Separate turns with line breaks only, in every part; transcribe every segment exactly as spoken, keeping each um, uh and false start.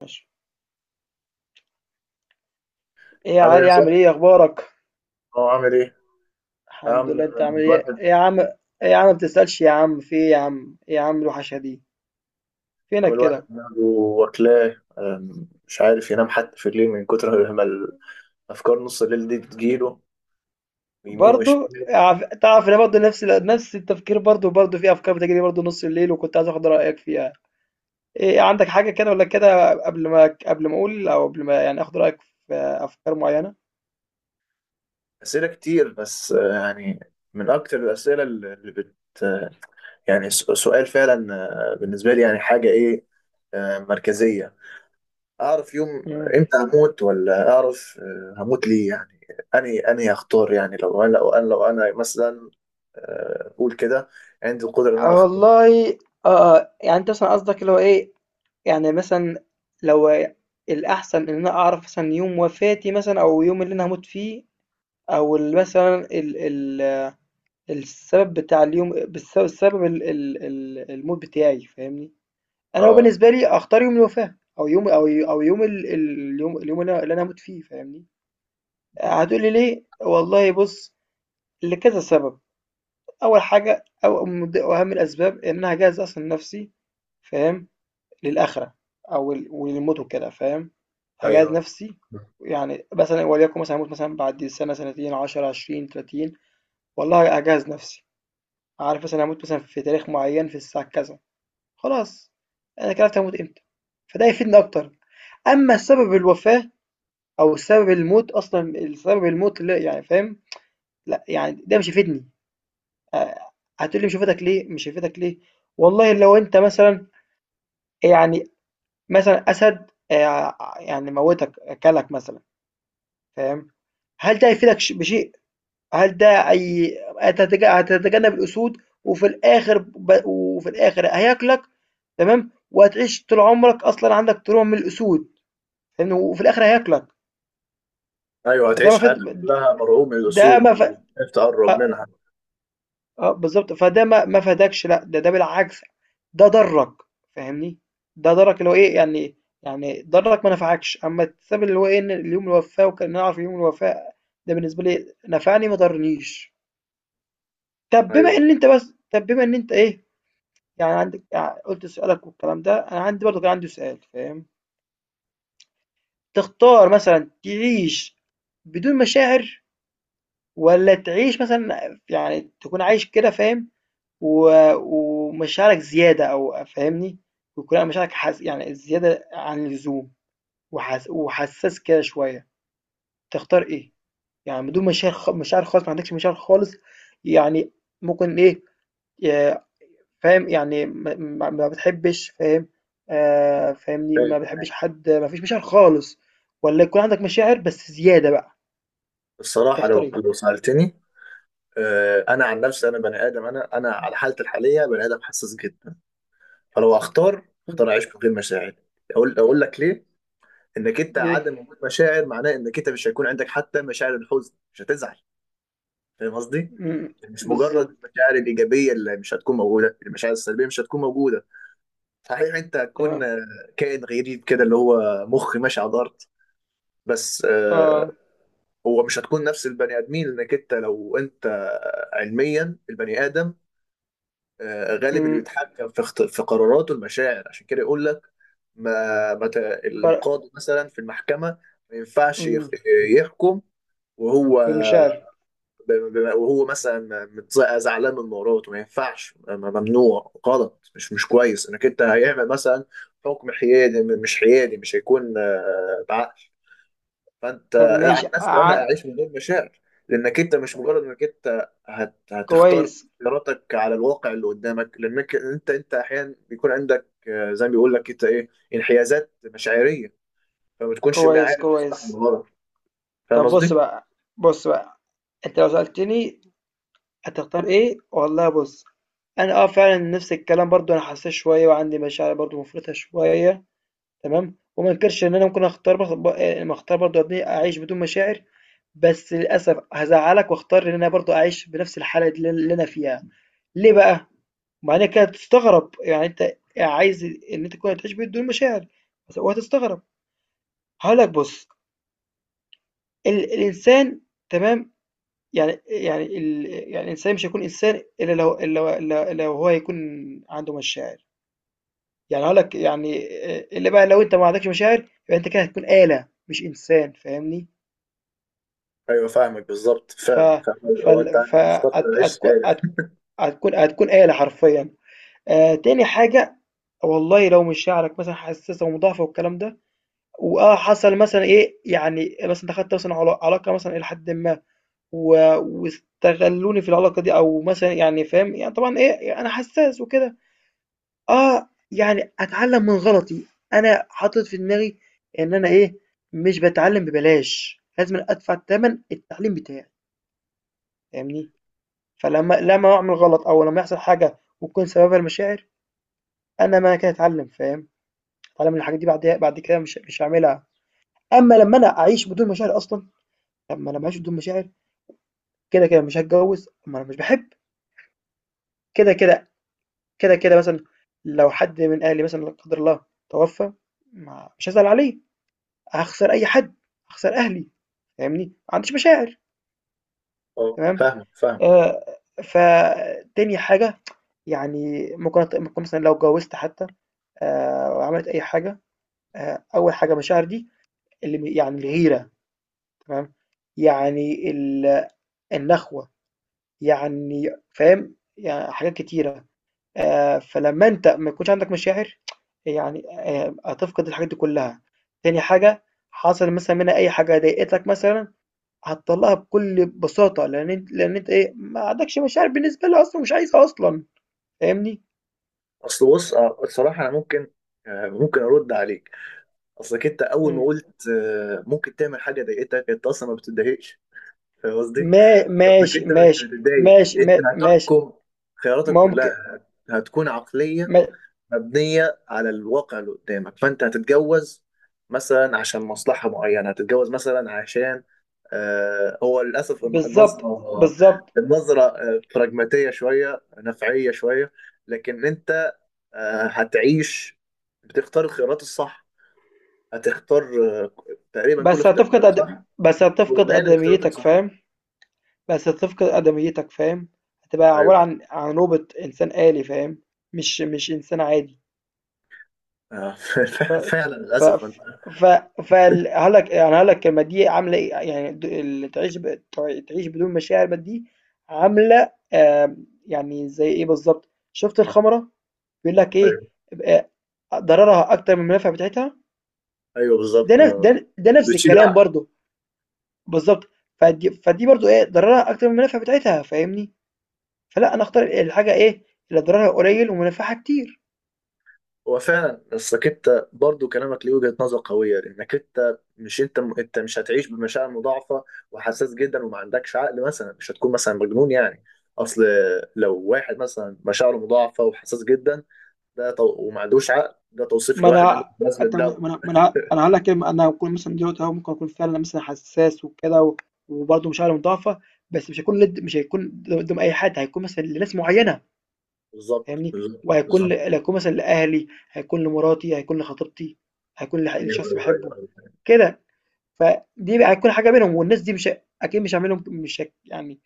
ماشي. ايه يا
عامل ايه
علي، عامل
صح؟
ايه، اخبارك؟
اه عامل ايه؟ يا عم،
الحمد لله، انت عامل ايه
الواحد
ايه يا عم، ايه يا عم، ما بتسألش، يا عم في ايه، يا عم ايه، يا عم الوحشه دي،
عامل
فينك
الواحد
كده؟
دماغه واكلاه، أم، مش عارف ينام حتى في الليل من كتر ما الافكار نص الليل دي بتجيله يمين
برضو.
وشمال.
عف- تعرف انا برضو نفس نفس التفكير، برضو برضو في افكار بتجري برضو نص الليل، وكنت عايز اخد رايك فيها. ايه إيه عندك حاجه كده ولا كده؟ قبل ما قبل ما اقول، او قبل ما يعني اخد رايك في افكار معينه.
اسئله كتير، بس آه، يعني من اكتر الاسئله اللي بت... يعني س- سؤال فعلا. آه، بالنسبه لي يعني حاجه ايه، آه، مركزيه. اعرف يوم
مم.
امتى هموت، ولا اعرف آه، هموت ليه، يعني اني اني اختار، يعني لو انا لو انا لو انا مثلا آه، اقول كده، عندي القدره ان انا اختار.
والله. اه، يعني انت مثلا قصدك اللي هو ايه؟ يعني مثلًا لو الأحسن إن أنا أعرف مثلًا يوم وفاتي، مثلًا أو يوم اللي أنا هاموت فيه، أو ال مثلًا ال ال السبب بتاع اليوم، بالس السبب ال ال ال الموت بتاعي، فاهمني؟ أنا
اه،
بالنسبة لي أختار يوم الوفاة، أو يوم أو ي أو يوم ال ال اليوم اليوم اللي أنا اللي أنا هاموت فيه، فاهمني؟ هتقول لي ليه؟ والله بُص، لكذا سبب. أول حاجة، أو من ض أهم الأسباب، إن أنا هاجهز أصلًا نفسي، فاهم؟ للآخرة، أو ال- وللموت وكده، فاهم. هجهز
ايوه،
نفسي. يعني مثلا، وليكن مثلا هموت مثلا بعد سنة، سنتين، عشرة، عشرين، تلاتين. والله هجهز نفسي. عارف مثلا هموت مثلا في تاريخ معين، في الساعة كذا. خلاص، أنا كده عرفت هموت إمتى. فده يفيدني أكتر. أما سبب الوفاة، أو سبب الموت، أصلا سبب الموت، لا يعني، فاهم؟ لا يعني ده مش يفيدني. آه، هتقولي مش هيفيدك ليه، مش هيفيدك ليه؟ والله لو أنت مثلا، يعني، مثلًا أسد، آآ يعني موّتك، أكلك مثلًا، فاهم، هل ده هيفيدك ش بشيء؟ هل ده أي هتتج هتتجنب الأسود، وفي الآخر ب وفي الآخر هياكلك. تمام، وهتعيش طول عمرك أصلًا عندك تروما من الأسود، فاهمني، وفي الآخر هياكلك.
ايوه،
فده ما
هتعيش
فيش
حياتك كلها مرعوب من
ده
الاسود،
ما ف
ومش تقرب
أ
منها.
آه، بالضبط، فده ما ما فادكش، لأ، ده ده بالعكس. ده ضرّك، فاهمني، ده ضرّك اللي هو إيه، يعني، يعني ضرّك ما نفعكش. أمّا الحساب اللي هو إيه، إن ليوم الوفاة وكان نعرف يوم الوفاة، ده بالنسبة لي نفعني ما ضرنيش. طَب بما
ايوه،
إن أنت بس طَب بما إن أنت إيه، يعني عندك يع قُلت سؤالك والكلام ده، أنا عندي برضه كان عندي سؤال، فاهم. تختار مثلًا تعيش بدون مشاعر، والّا تعيش مثلًا يعني تكون عايش كده، فاهم، و ومشاعرك زيادة، أو فاهمني؟ ويكون على مشاعرك حس يعني زيادة عن اللزوم، وحس وحساس كده شوية. تختار إيه؟ يعني بدون مشاعر، خ مشاعر خالص، ما عندكش مشاعر خالص. يعني ممكن إيه، ي فاهم، يعني ما ما ما بتحبش، فاهم، آآ فاهمني؟
أوكي.
ما بتحبش حد، ما فيش مشاعر خالص، والّا يكون عندك مشاعر بس زيادة بقى،
الصراحه،
تختار
لو
إيه؟
لو سالتني، آه، انا عن نفسي انا بني ادم، انا انا على حالتي الحاليه بني ادم حساس جدا، فلو اختار
إمم.
اختار اعيش من غير مشاعر، اقول اقول لك ليه. انك انت
ليه؟
عدم وجود مشاعر معناه انك انت مش هيكون عندك حتى مشاعر الحزن، مش هتزعل. فاهم قصدي؟
إمم.
مش مجرد
بالضبط.
المشاعر الايجابيه اللي مش هتكون موجوده، المشاعر السلبيه مش هتكون موجوده. صحيح انت هتكون
تمام.
آه، كائن غريب كده اللي هو مخ ماشي على الارض، بس
آه.
آه، هو مش هتكون نفس البني ادمين، لانك انت لو انت علميا البني ادم آه، غالب اللي
إمم.
بيتحكم في اخت- في قراراته المشاعر، عشان كده يقول لك ما ما ت-
فرق.
القاضي مثلا في المحكمه ما ينفعش يخ-
إمم.
يحكم وهو
بالمشاعر.
ب- ب- وهو مثلا متز- زعلان من مراته، ما ينفعش، م- ممنوع، غلط، مش مش كويس انك انت هيعمل مثلا حكم حيادي، م- مش حيادي، مش هيكون آه، بعقل. فانت
طب ماشي
عن نفسي انا
ع-
اعيش من غير مشاعر، لانك انت مش مجرد انك انت هت... هتختار
كويس
اختياراتك على الواقع اللي قدامك، لانك انت انت احيانا بيكون عندك آه، زي ما بيقول لك انت ايه، انحيازات مشاعريه، فما تكونش
كويس
عارف تصلح من
كويس.
غلط. فاهم
طب
قصدي؟
بص بقى، بص بقى انت لو سألتني هتختار ايه؟ والله بص، انا اه فعلا نفس الكلام، برضو انا حساس شويه، وعندي مشاعر برضو مفرطه شويه. تمام، وما انكرش ان انا ممكن اختار بخ... ب... آه، ما اختار برضو ابني اعيش بدون مشاعر. بس للاسف هزعلك، واختار ان انا برضو اعيش بنفس الحاله دي اللي انا فيها. ليه بقى؟ مع انك هتستغرب، يعني انت عايز ان انت تكون تعيش بدون مشاعر. بس- وهتستغرب. هقول لك بص، ال الإنسان، تمام، يعني يعني ال يعني الإنسان مش هيكون إنسان إلا لو إلا لو إلا لو هو يكون عنده مشاعر. يعني هاقول لك يعني، آآ، إلا بقى لو أنت ما عندكش مشاعر، يبقى أنت كده هتكون آلة مش إنسان، فاهمني؟
ايوه، فاهمك بالظبط
ف
فعلا فاهم. هو انت
فال ف
انا اخترت
هت
اعيش
هتكو
سعيد.
هت هتكون هتكون آلة حرفيًا. آآ، تاني حاجة، والله لو مشاعرك مثلًا حساسة ومضاعفة والكلام ده، وآه حصل مثلًا إيه، يعني مثلًا دخلت مثلًا علا علاقة مثلًا إلى حدٍ ما، و واستغلوني في العلاقة دي، أو مثلًا يعني فاهم، يعني طبعًا إيه، أنا حسّاس وكده. آه، يعني أتعلّم من غلطي، أنا حاطط في دماغي إن أنا إيه، مش باتعلّم ببلاش، لازمًا أدفع تَمَن التعليم بتاعي، فاهمني؟ فلمّا لمّا أعمل غلط، أو لمّا يحصل حاجة وتكون سببها المشاعر، أنا معنى كده أتعلّم، فاهم؟ أتعلّم من الحاجات دي، بعديها بعد كده مش مش هاعملها. أمّا لمّا أنا أعيش بدون مشاعر أصلًا، طَب ما أنا باعيش بدون مشاعر كده، كده مش هاتجوّز، ما أنا مش باحب، كده، كده، كده، كده مثلًا لو حد من أهلي مثلًا لا قدر الله توفى، ما مش هازعل عليه، هاخسر أي حد، هاخسر أهلي، فاهمني؟ ما عنديش مشاعر.
اه،
تمام.
فاهمك، فاهمك.
آآ فتاني حاجة، يعني ممكن أت ممكن مثلًا لو اتجوزت حتى، آآ وعملت أي حاجة، آآ أول حاجة مشاعر دي، اللي م يعني الغيرة، تمام، يعني ال النخوة، يعني فاهم؟ يعني حاجات كتيرة. آآ فلمّا أنت ما يكونش عندك مشاعر، يعني آآ هتفقد الحاجات دي كلّها. تاني حاجة، حصل مثلًا منها أي حاجة ضايقتك مثلًا، هتطلّعها بكل بساطة، لإن أنت لإن أنت إيه، ما عندكش مشاعر بالنسبة لها أصلًا، ومش عايزها أصلًا، فاهمني؟
اصل بص آه، الصراحه انا ممكن آه، ممكن ارد عليك. اصلك انت اول ما
إمم.
قلت آه، ممكن تعمل حاجه ضايقتك، انت اصلا ما بتتضايقش. فاهم قصدي؟
ما
انك
ماشي،
انت مش
ماشي،
هتتضايق،
ماشي، ما
انت
ماشي،
هتحكم. خياراتك كلها
ممكن
هتكون عقلية
ما
مبنية على الواقع اللي قدامك. فانت هتتجوز مثلا عشان مصلحة معينة، هتتجوز مثلا عشان آه، هو للأسف
بالضبط،
النظرة،
بالضبط.
النظرة آه، براجماتية شوية نفعية شوية. لكن انت آه هتعيش، بتختار الخيارات الصح، هتختار آه، تقريبا كل
بس هتفقد
اختياراتك
أد
صح،
بس هتفقد
وغالب اختياراتك
أدميتك،
صح.
فاهم؟ بس هتفقد آدميتك، فاهم، هتبقى
ايوه
عبارة عن عن روبوت إنسان آلي، فاهم، مش مش إنسان عادي.
آه،
ف
فعلا
ف
للأسف.
ف ف فال هقولك يعني هقولك الكلمة دي عاملة إيه، يعني د اللي تعيش ب تع تعيش بدون مشاعر بقى، دي عاملة آمم، يعني زي إيه بالضبط، شُفت الخمرة بيقول لك إيه،
ايوه،
ب ضررها أكتر من المنافع بتاعتها.
ايوه،
ده
بالظبط
ن
آه.
ده ده نفس
بتشيل
الكلام
العقل.
برضه، بالضبط. فدي فدي برضه إيه، ضررها أكتر من المنافع بتاعتها، فاهمني؟ فلأ، أنا أختار الحاجة إيه، اللي ضررها قليل ومنافعها كتير.
هو فعلا، اصلك انت برضو كلامك ليه وجهة نظر قوية، لانك انت مش انت م... انت مش هتعيش بمشاعر مضاعفة وحساس جدا وما عندكش عقل، مثلا مش هتكون مثلا مجنون يعني. اصل، لو واحد مثلا مشاعره مضاعفة وحساس جدا، ده تو... وما عندوش عقل، ده توصيف
ما
لواحد عنده
أنا
لازمة
أنت
دواء.
ما أنا ما أنا أنا هاقول لك إيه، ما أنا هاكون مثلًا دلوقتي أهو، ممكن أكون فعلًا مثلًا حساس وكده، و وبرضه مشاعري مضاعفة. بس مش هاكون لد مش هيكون قدّام أي حد، هيكون مثلًا لناس معيّنة،
بالظبط،
فاهمني،
بالظبط،
وهيكون ل
بالظبط.
هيكون مثلًا لأهلي، هيكون لمراتي، هيكون لخطيبتي، هيكون لح
ايوه،
لشخص
ايوه،
باحبه،
ايوه، أيوة.
كده. فدي بقى هتكون حاجة بينهم، والناس دي مش ه- أكيد مش هاعمل لهم مش هك يعني،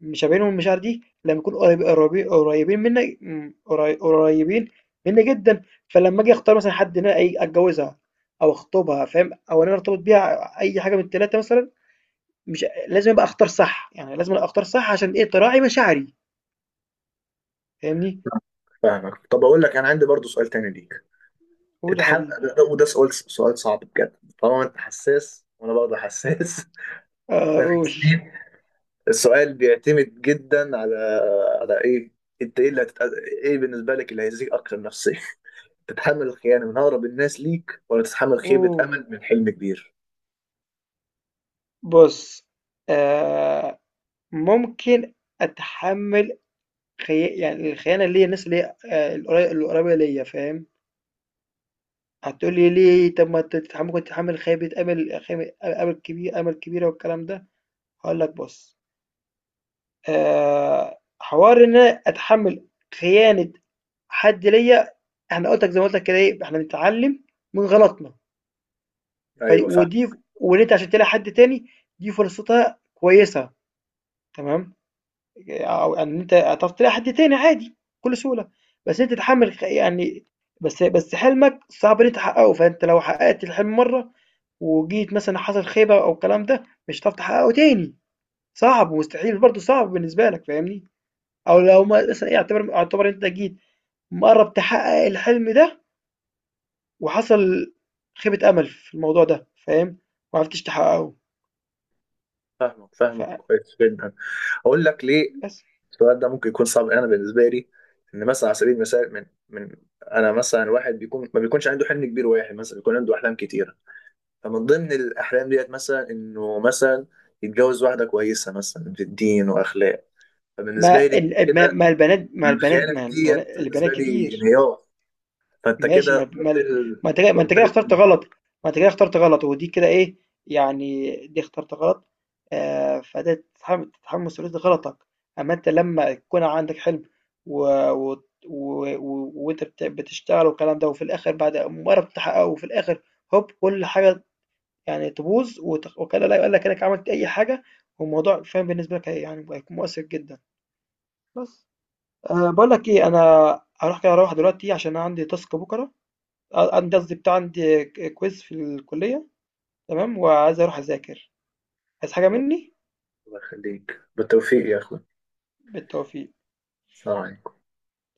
مش ما بينهم المشاعر دي، لما يكونوا قريب- قريبين قريبين مني م، قري- قريبين مني جدا. فلما اجي اختار مثلا حد ان انا إيه، اتجوزها او اخطبها، فاهم، او ان انا ارتبط بيها، اي حاجه من الثلاثه مثلا، مش لازم ابقى اختار صح، يعني لازم أنا اختار صح، عشان ايه، تراعي مشاعري، فاهمني.
فاهمك. طب اقول لك، انا عندي برضو سؤال تاني ليك.
قول يا
تتحمل،
حبيبي.
وده سؤال سؤال صعب بجد، طالما انت حساس وانا برضه حساس.
آه،
إحنا
قول.
حاسين. السؤال بيعتمد جدا على على ايه، انت ايه اللي هتت... ايه بالنسبه لك اللي هيزيك اكتر نفسيا. تتحمل الخيانه من اقرب الناس ليك، ولا تتحمل خيبه
اوه،
امل من حلم كبير؟
بص، آه، ممكن اتحمل خي... يعني الخيانه اللي هي الناس اللي هي آه، القري- القريبه ليا، فاهم. هتقول لي ليه؟ طب ما تت- ممكن تتحمل خيبة أمل، خيبة أمل كبير أمل كبيرة والكلام ده. هقول لك بص، آه، حوار إن أنا أتحمل خيانة حد ليا، احنا قلت لك، زي ما قلت لك كده ايه، احنا بنتعلم من غلطنا. ف...
ايوه، فاهم.
ودي، وان انت عشان تلاقي حد تاني، دي فرصتها كويسه، تمام، او ان انت هتعرف تلاقي حد تاني عادي بكل سهوله. بس انت تتحمل خ- يعني بس بس حلمك صعب ان انت تحققه، فانت لو حققت الحلم مره، وجيت مثلًا حصل خيبة أو الكلام ده، مش هتعرف تحققه تاني. صعب ومستحيل، برضه صعب بالنسبة لك، فاهمني؟ أو لو ما- مثلًا إيه، اعتبر اعتبر أنت جيت مقرّب تحقق الحلم ده، وحصل خيبة أمل في الموضوع ده، فاهم؟ ما عرفتش تحققه،
فاهمك، فاهمك كويس جدا. اقول لك ليه
فبس.
السؤال ده ممكن يكون صعب. انا بالنسبه لي، ان مثلا على سبيل المثال، من من انا مثلا واحد بيكون، ما بيكونش عنده حلم كبير، واحد مثلا بيكون عنده احلام كتير، فمن ضمن الأحلام ديت مثلا، إنه مثلا يتجوز واحدة كويسة مثلا في الدين وأخلاق. فبالنسبة
ما
لي
ال ما
كده،
ما البنات ما البنات
الخيانة في
ما
ديت
البنا البنات
بالنسبة لي
كتير.
انهيار. فأنت
ماشي،
كده
ما ما
ضبطت ال-
ما انت كده- ما انت
ضبطت
كده اخترت
ال-
غلط، ما انت كده اخترت غلط، ودي كده ايه، يعني دي اخترت غلط. آه، فده تتحمل تتحمل مسؤولية غلطك، اما انت لما يكون عندك حلم، و... و... و... و... وانت بت... بتشتغل والكلام ده، وفي الاخر بعد مجرد تحققه، وفي الاخر هوب كل حاجة، يعني تبوظ وت... وكان لا يقول لك انك عملت اي حاجة. والموضوع فاهم بالنسبة لك هي- يعني هيكون مؤثر جدا. بس، أه، بقول لك ايه، انا هروح كده، اروح دلوقتي عشان أنا عندي تاسك بكرة، آه، عندي قصدي بتاع، عندي كويز في الكلية، تمام، وعايز اروح اذاكر. عايز حاجة مني؟
الله يخليك بالتوفيق يا أخوي.
بالتوفيق.
سلام عليكم.